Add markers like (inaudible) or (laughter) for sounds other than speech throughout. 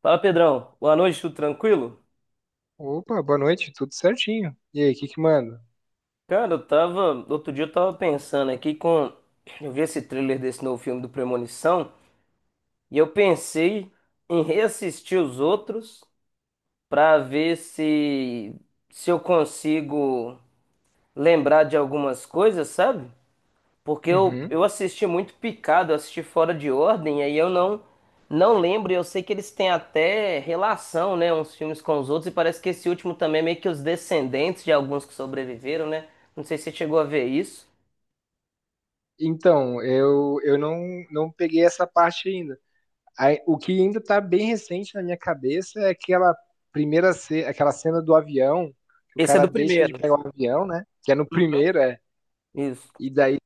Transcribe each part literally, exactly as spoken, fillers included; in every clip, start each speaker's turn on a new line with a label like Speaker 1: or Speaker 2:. Speaker 1: Fala, Pedrão. Boa noite, tudo tranquilo?
Speaker 2: Opa, boa noite, tudo certinho. E aí, o que que manda?
Speaker 1: Cara, eu tava. Outro dia eu tava pensando aqui com. Eu vi esse trailer desse novo filme do Premonição e eu pensei em reassistir os outros pra ver se. Se eu consigo lembrar de algumas coisas, sabe? Porque eu,
Speaker 2: Uhum.
Speaker 1: eu assisti muito picado, eu assisti fora de ordem, aí eu não não lembro, e eu sei que eles têm até relação, né, uns filmes com os outros, e parece que esse último também é meio que os descendentes de alguns que sobreviveram, né? Não sei se você chegou a ver isso.
Speaker 2: Então, eu, eu não, não peguei essa parte ainda. Aí, o que ainda tá bem recente na minha cabeça é aquela primeira ce- aquela cena do avião, que o
Speaker 1: Esse é
Speaker 2: cara
Speaker 1: do
Speaker 2: deixa de
Speaker 1: primeiro.
Speaker 2: pegar o avião, né? Que é no primeiro, é.
Speaker 1: Isso.
Speaker 2: E daí,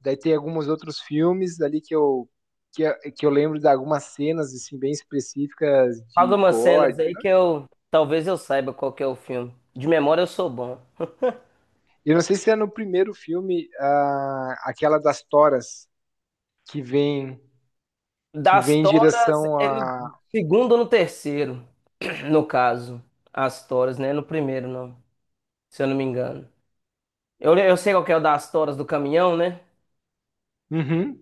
Speaker 2: daí tem alguns outros filmes ali que eu, que, eu- que eu lembro de algumas cenas assim, bem específicas
Speaker 1: Fala
Speaker 2: de
Speaker 1: umas
Speaker 2: gore.
Speaker 1: cenas aí que eu talvez eu saiba qual que é o filme. De memória eu sou bom.
Speaker 2: Eu não sei se é no primeiro filme, ah, aquela das toras que vem. que
Speaker 1: Das
Speaker 2: vem em
Speaker 1: toras
Speaker 2: direção
Speaker 1: é no
Speaker 2: a.
Speaker 1: segundo ou no terceiro, no caso. As toras, né? No primeiro, não. Se eu não me engano. Eu, eu sei qual que é o das toras do caminhão, né?
Speaker 2: Uhum.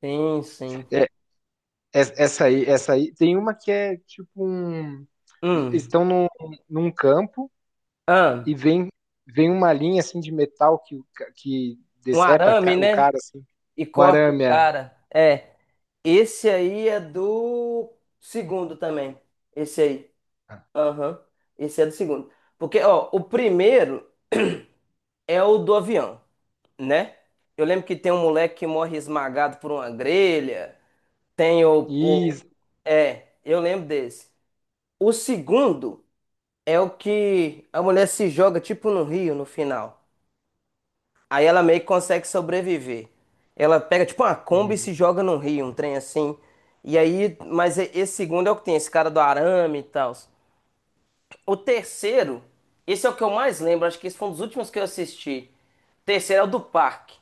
Speaker 1: Sim, sim.
Speaker 2: É, é- essa aí, essa aí. Tem uma que é tipo um.
Speaker 1: Hum.
Speaker 2: Estão num, num campo e
Speaker 1: Ah,
Speaker 2: vem, vem uma linha assim de metal que, o ca- que
Speaker 1: um
Speaker 2: decepa
Speaker 1: arame,
Speaker 2: ca- o
Speaker 1: né?
Speaker 2: cara assim.
Speaker 1: E
Speaker 2: O
Speaker 1: corta o
Speaker 2: arame é.
Speaker 1: cara. É. Esse aí é do segundo também. Esse aí. Aham. Esse é do segundo. Porque, ó, o primeiro é o do avião, né? Eu lembro que tem um moleque que morre esmagado por uma grelha. Tem o, o...
Speaker 2: Isso.
Speaker 1: É, eu lembro desse. O segundo é o que a mulher se joga tipo no rio no final. Aí ela meio que consegue sobreviver. Ela pega tipo uma Kombi e
Speaker 2: Uhum.
Speaker 1: se joga num rio, um trem assim. E aí, mas e- esse segundo é o que tem, esse cara do arame e tal. O terceiro, esse é o que eu mais lembro, acho que esse foi um dos últimos que eu assisti. O terceiro é o do parque,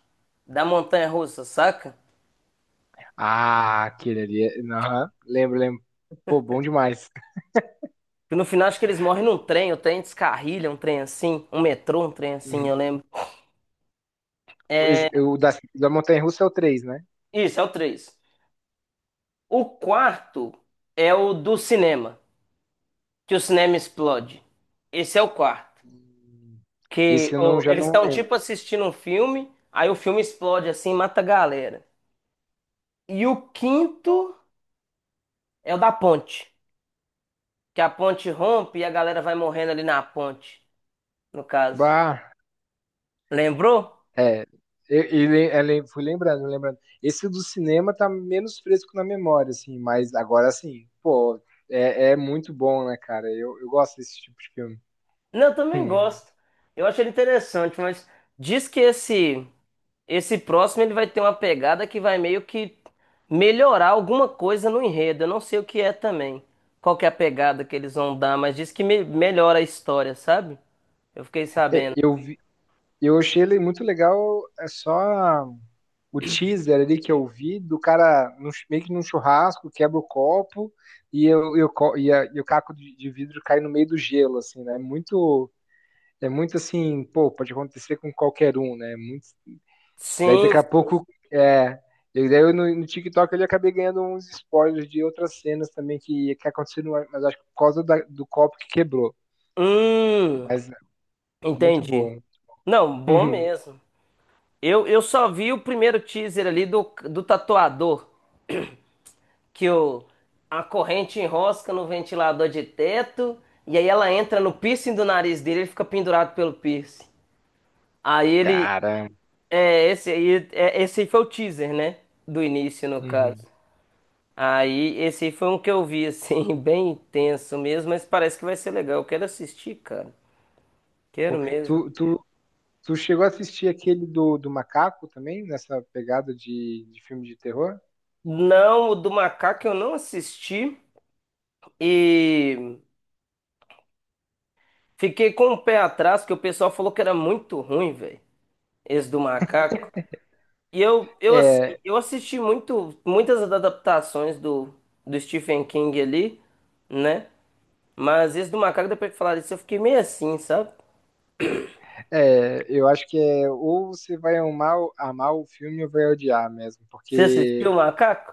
Speaker 1: da montanha russa, saca?
Speaker 2: Ah, aquele ali. é- Aham. Lembro, lembro. Pô, bom demais.
Speaker 1: Que no final acho que eles morrem num trem, o trem descarrilha, um trem assim, um metrô, um trem assim, eu
Speaker 2: Uhum.
Speaker 1: lembro. É,
Speaker 2: Esse- o da, da Montanha-Russa é o três, né?
Speaker 1: isso, é o três. O quarto é o do cinema, que o cinema explode. Esse é o quarto. Que
Speaker 2: Esse eu não,
Speaker 1: ô,
Speaker 2: já
Speaker 1: eles
Speaker 2: não
Speaker 1: estão
Speaker 2: lembro.
Speaker 1: tipo assistindo um filme, aí o filme explode assim, mata a galera. E o quinto é o da ponte, que a ponte rompe e a galera vai morrendo ali na ponte, no caso.
Speaker 2: Bah.
Speaker 1: Lembrou?
Speaker 2: É, eu, eu le- eu lem- fui lembrando, lembrando. Esse do cinema tá menos fresco na memória, assim, mas agora sim, pô, é, é muito bom, né, cara? Eu, eu gosto desse tipo de filme.
Speaker 1: Não, eu também
Speaker 2: Hum.
Speaker 1: gosto. Eu acho ele interessante, mas diz que esse esse próximo ele vai ter uma pegada que vai meio que melhorar alguma coisa no enredo. Eu não sei o que é também. Qual que é a pegada que eles vão dar, mas diz que me- melhora a história, sabe? Eu fiquei
Speaker 2: É,
Speaker 1: sabendo.
Speaker 2: Eu vi- eu achei ele muito legal, é só o teaser ali que eu vi do cara num chu- meio que num churrasco, quebra o copo e, eu, eu co- e, a- e o caco de, de vidro cai no meio do gelo, assim, né? É muito, é muito assim, pô, pode acontecer com qualquer um, né? Daí daqui
Speaker 1: Sim.
Speaker 2: a pouco, é, e daí eu no, no TikTok eu acabei ganhando uns spoilers de outras cenas também que, que aconteceram, mas acho que por causa da- do copo que quebrou.
Speaker 1: Hum,
Speaker 2: Mas é muito
Speaker 1: entendi.
Speaker 2: bom.
Speaker 1: Não, bom
Speaker 2: (laughs)
Speaker 1: mesmo. Eu, eu só vi o primeiro teaser ali do, do tatuador, que o, a corrente enrosca no ventilador de teto, e aí ela entra no piercing do nariz dele, ele fica pendurado pelo piercing. Aí ele.
Speaker 2: Cara.
Speaker 1: É, esse aí, é, esse aí foi o teaser, né? Do início, no caso.
Speaker 2: Uhum.
Speaker 1: Aí, esse aí foi um que eu vi, assim, (laughs) bem intenso mesmo, mas parece que vai ser legal. Eu quero assistir, cara. Quero
Speaker 2: Pô,
Speaker 1: mesmo.
Speaker 2: Tu, tu, tu chegou a assistir aquele do, do macaco também, nessa pegada de, de filme de terror?
Speaker 1: Não, o do macaco eu não assisti e fiquei com o pé atrás, porque o pessoal falou que era muito ruim, velho, esse do macaco. E eu, eu, assim,
Speaker 2: É,
Speaker 1: eu assisti muito, muitas adaptações do, do Stephen King ali, né? Mas esse do macaco, depois que falaram isso, eu fiquei meio assim, sabe?
Speaker 2: é, eu acho que é ou você vai amar, o- amar o filme ou vai odiar mesmo,
Speaker 1: Você assistiu
Speaker 2: porque
Speaker 1: o macaco?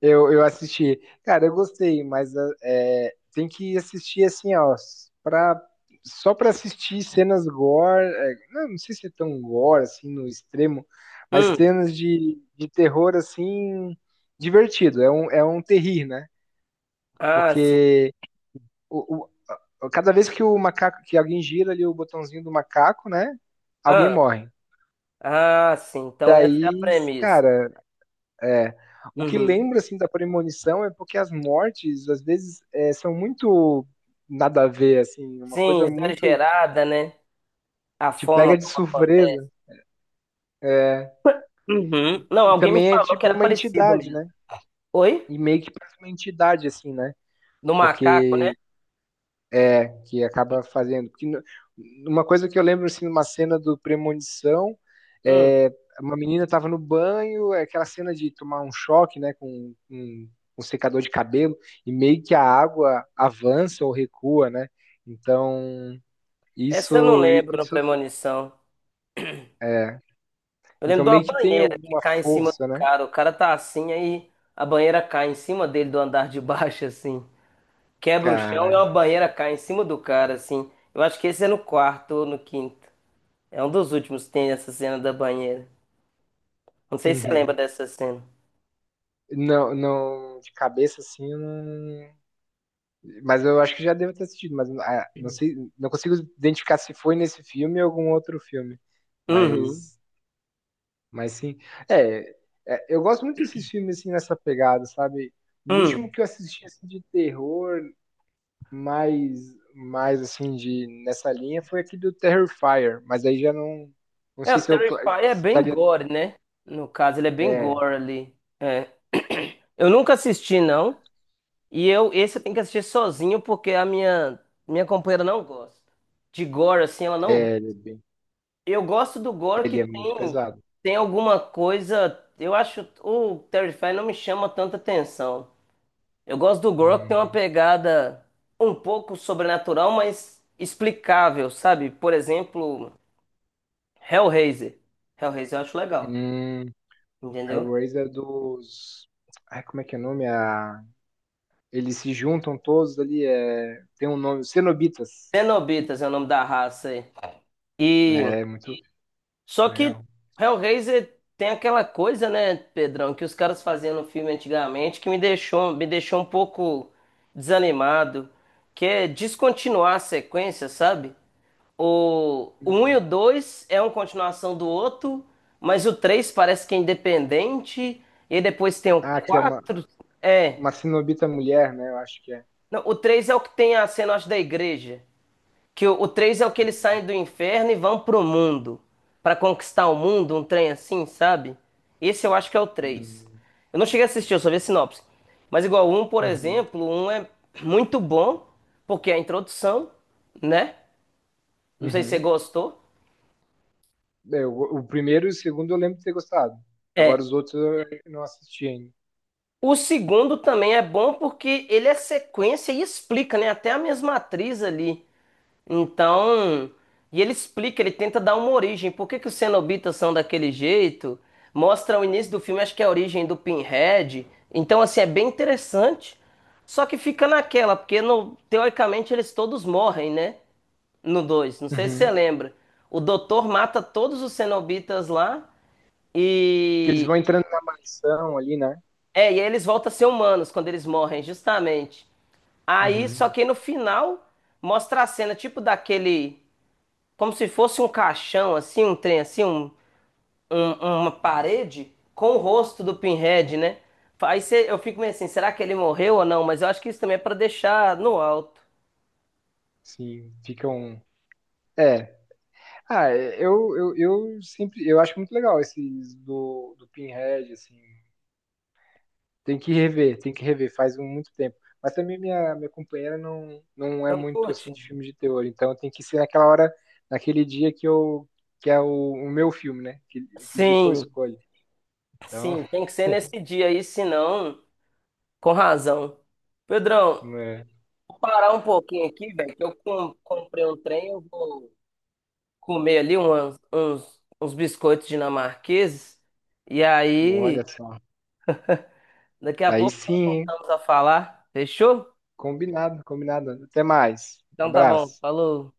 Speaker 2: Eu, eu assisti. Cara, eu gostei, mas ah, é, tem que assistir assim, ó, pra, só pra assistir cenas gore. é, não, não sei se é tão gore, assim, no extremo, mas
Speaker 1: Hum.
Speaker 2: cenas de, de terror, assim, divertido. É um, é um terrir, né?
Speaker 1: Ah, sim.
Speaker 2: Porque o, o- cada vez que o macaco, que alguém gira ali o botãozinho do macaco, né? Alguém
Speaker 1: Ah,
Speaker 2: morre.
Speaker 1: ah, sim. Então essa é a
Speaker 2: Daí,
Speaker 1: premissa.
Speaker 2: cara. É. O que
Speaker 1: Uhum.
Speaker 2: lembra assim da premonição é porque as mortes às vezes é, são muito nada a ver assim, uma
Speaker 1: Sim,
Speaker 2: coisa muito
Speaker 1: exagerada, né? A
Speaker 2: te pega
Speaker 1: forma
Speaker 2: de
Speaker 1: como acontece.
Speaker 2: surpresa. E,
Speaker 1: Uhum. Não,
Speaker 2: e
Speaker 1: alguém me
Speaker 2: também é
Speaker 1: falou que
Speaker 2: tipo
Speaker 1: era
Speaker 2: uma
Speaker 1: parecido
Speaker 2: entidade,
Speaker 1: mesmo.
Speaker 2: né?
Speaker 1: Oi?
Speaker 2: E meio que parece uma entidade assim, né?
Speaker 1: No macaco, né?
Speaker 2: Porque que acaba fazendo. Porque no- uma coisa que eu lembro, assim, numa cena do Premonição,
Speaker 1: Hum.
Speaker 2: é, uma menina estava no banho, é aquela cena de tomar um choque, né, com um, um secador de cabelo, e meio que a água avança ou recua, né? Então,
Speaker 1: Essa eu não
Speaker 2: isso,
Speaker 1: lembro no
Speaker 2: isso,
Speaker 1: Premonição.
Speaker 2: é.
Speaker 1: Eu lembro
Speaker 2: Então,
Speaker 1: de uma
Speaker 2: meio que tem
Speaker 1: banheira que
Speaker 2: alguma
Speaker 1: cai em cima do
Speaker 2: força, né,
Speaker 1: cara. O cara tá assim, aí a banheira cai em cima dele do andar de baixo, assim. Quebra o chão e
Speaker 2: cara?
Speaker 1: uma banheira cai em cima do cara, assim. Eu acho que esse é no quarto ou no quinto. É um dos últimos que tem essa cena da banheira. Não sei se você lembra
Speaker 2: (laughs)
Speaker 1: dessa cena.
Speaker 2: Não, não, de cabeça assim, eu não. Mas eu acho que já devo ter assistido, mas ah, não sei, não consigo identificar se foi nesse filme ou algum outro filme.
Speaker 1: Uhum.
Speaker 2: Mas, mas sim. É, é, eu gosto muito desses filmes assim nessa pegada, sabe? O
Speaker 1: Hum.
Speaker 2: último que eu assisti assim, de terror, mais, mais assim de nessa linha foi aquele do Terrifier, mas aí já não, não
Speaker 1: É,
Speaker 2: sei
Speaker 1: o
Speaker 2: se eu cla-
Speaker 1: Terrify é
Speaker 2: se
Speaker 1: bem
Speaker 2: estaria.
Speaker 1: gore, né? No caso, ele é bem
Speaker 2: É,
Speaker 1: gore ali. É. (clears throat) Eu nunca assisti, não. E eu, esse eu tenho que assistir sozinho porque a minha, minha companheira não gosta. De gore, assim, ela não.
Speaker 2: é, ele é bem-
Speaker 1: Eu gosto do gore que
Speaker 2: ele é muito
Speaker 1: tem,
Speaker 2: pesado.
Speaker 1: tem alguma coisa. Eu acho o Terrify não me chama tanta atenção. Eu gosto do gore que tem uma
Speaker 2: Hum,
Speaker 1: pegada um pouco sobrenatural, mas explicável, sabe? Por exemplo, Hellraiser. Hellraiser eu acho legal,
Speaker 2: hum,
Speaker 1: entendeu?
Speaker 2: Hellraiser é dos. Ai, como é que é o nome? Eles se juntam todos ali, é, tem um nome, cenobitas.
Speaker 1: Cenobitas é o nome da raça aí. E
Speaker 2: né, É muito
Speaker 1: só que
Speaker 2: legal.
Speaker 1: Hellraiser tem aquela coisa, né, Pedrão, que os caras faziam no filme antigamente que me deixou, me deixou um pouco desanimado, que é descontinuar a sequência, sabe? O, o um e o
Speaker 2: Hum.
Speaker 1: dois é uma continuação do outro, mas o três parece que é independente, e depois tem o
Speaker 2: Ah, que é uma,
Speaker 1: quatro é.
Speaker 2: uma cenobita mulher, né? Eu acho que é.
Speaker 1: Não, o três é o que tem a cena, acho, da igreja. Que o, o três é o que eles saem do inferno e vão pro mundo. Pra conquistar o mundo, um trem assim, sabe? Esse eu acho que é o três.
Speaker 2: Hum.
Speaker 1: Eu não cheguei a assistir, eu só vi a sinopse. Mas igual o um, por
Speaker 2: Uhum.
Speaker 1: exemplo, o um é muito bom, porque é a introdução, né? Não sei se você
Speaker 2: Uhum.
Speaker 1: gostou.
Speaker 2: É, o, o primeiro e o segundo eu lembro de ter gostado.
Speaker 1: É.
Speaker 2: Agora os outros eu não assisti ainda.
Speaker 1: O segundo também é bom porque ele é sequência e explica, né? Até a mesma atriz ali. Então, e ele explica, ele tenta dar uma origem. Por que que os cenobitas são daquele jeito? Mostra o início do filme, acho que é a origem do Pinhead. Então, assim, é bem interessante. Só que fica naquela, porque no- teoricamente eles todos morrem, né? No dois, não sei se você
Speaker 2: Uhum.
Speaker 1: lembra. O doutor mata todos os cenobitas lá
Speaker 2: Porque eles
Speaker 1: e.
Speaker 2: vão entrando na mansão ali, né?
Speaker 1: É, e aí eles voltam a ser humanos quando eles morrem, justamente. Aí,
Speaker 2: Uhum.
Speaker 1: só que no final mostra a cena tipo daquele como se fosse um caixão, assim, um trem, assim, um, um- uma parede com o rosto do Pinhead, né? Aí cê- eu fico meio assim, será que ele morreu ou não? Mas eu acho que isso também é pra deixar no alto.
Speaker 2: Sim, ficam. É. Ah, é, eu, eu, eu sempre. Eu acho muito legal esses do, do Pinhead, assim. Tem que rever, tem que rever, faz um, muito tempo. Mas também minha, minha companheira não, não é
Speaker 1: Não
Speaker 2: muito
Speaker 1: curte?
Speaker 2: assim de filme de terror, então tem que ser naquela hora, naquele dia que eu que é o, o meu filme, né? Que, que dia que eu
Speaker 1: Sim,
Speaker 2: escolho. Então,
Speaker 1: sim, tem que ser nesse
Speaker 2: (laughs)
Speaker 1: dia aí, senão, com razão. Pedrão,
Speaker 2: é,
Speaker 1: vou parar um pouquinho aqui, velho, que eu com- comprei um trem, eu vou comer ali umas- uns, uns biscoitos dinamarqueses, e aí,
Speaker 2: olha só.
Speaker 1: daqui a
Speaker 2: Daí
Speaker 1: pouco
Speaker 2: sim,
Speaker 1: nós
Speaker 2: hein?
Speaker 1: voltamos a falar, fechou?
Speaker 2: combinado, combinado. Até mais.
Speaker 1: Então tá bom,
Speaker 2: Abraço.
Speaker 1: falou.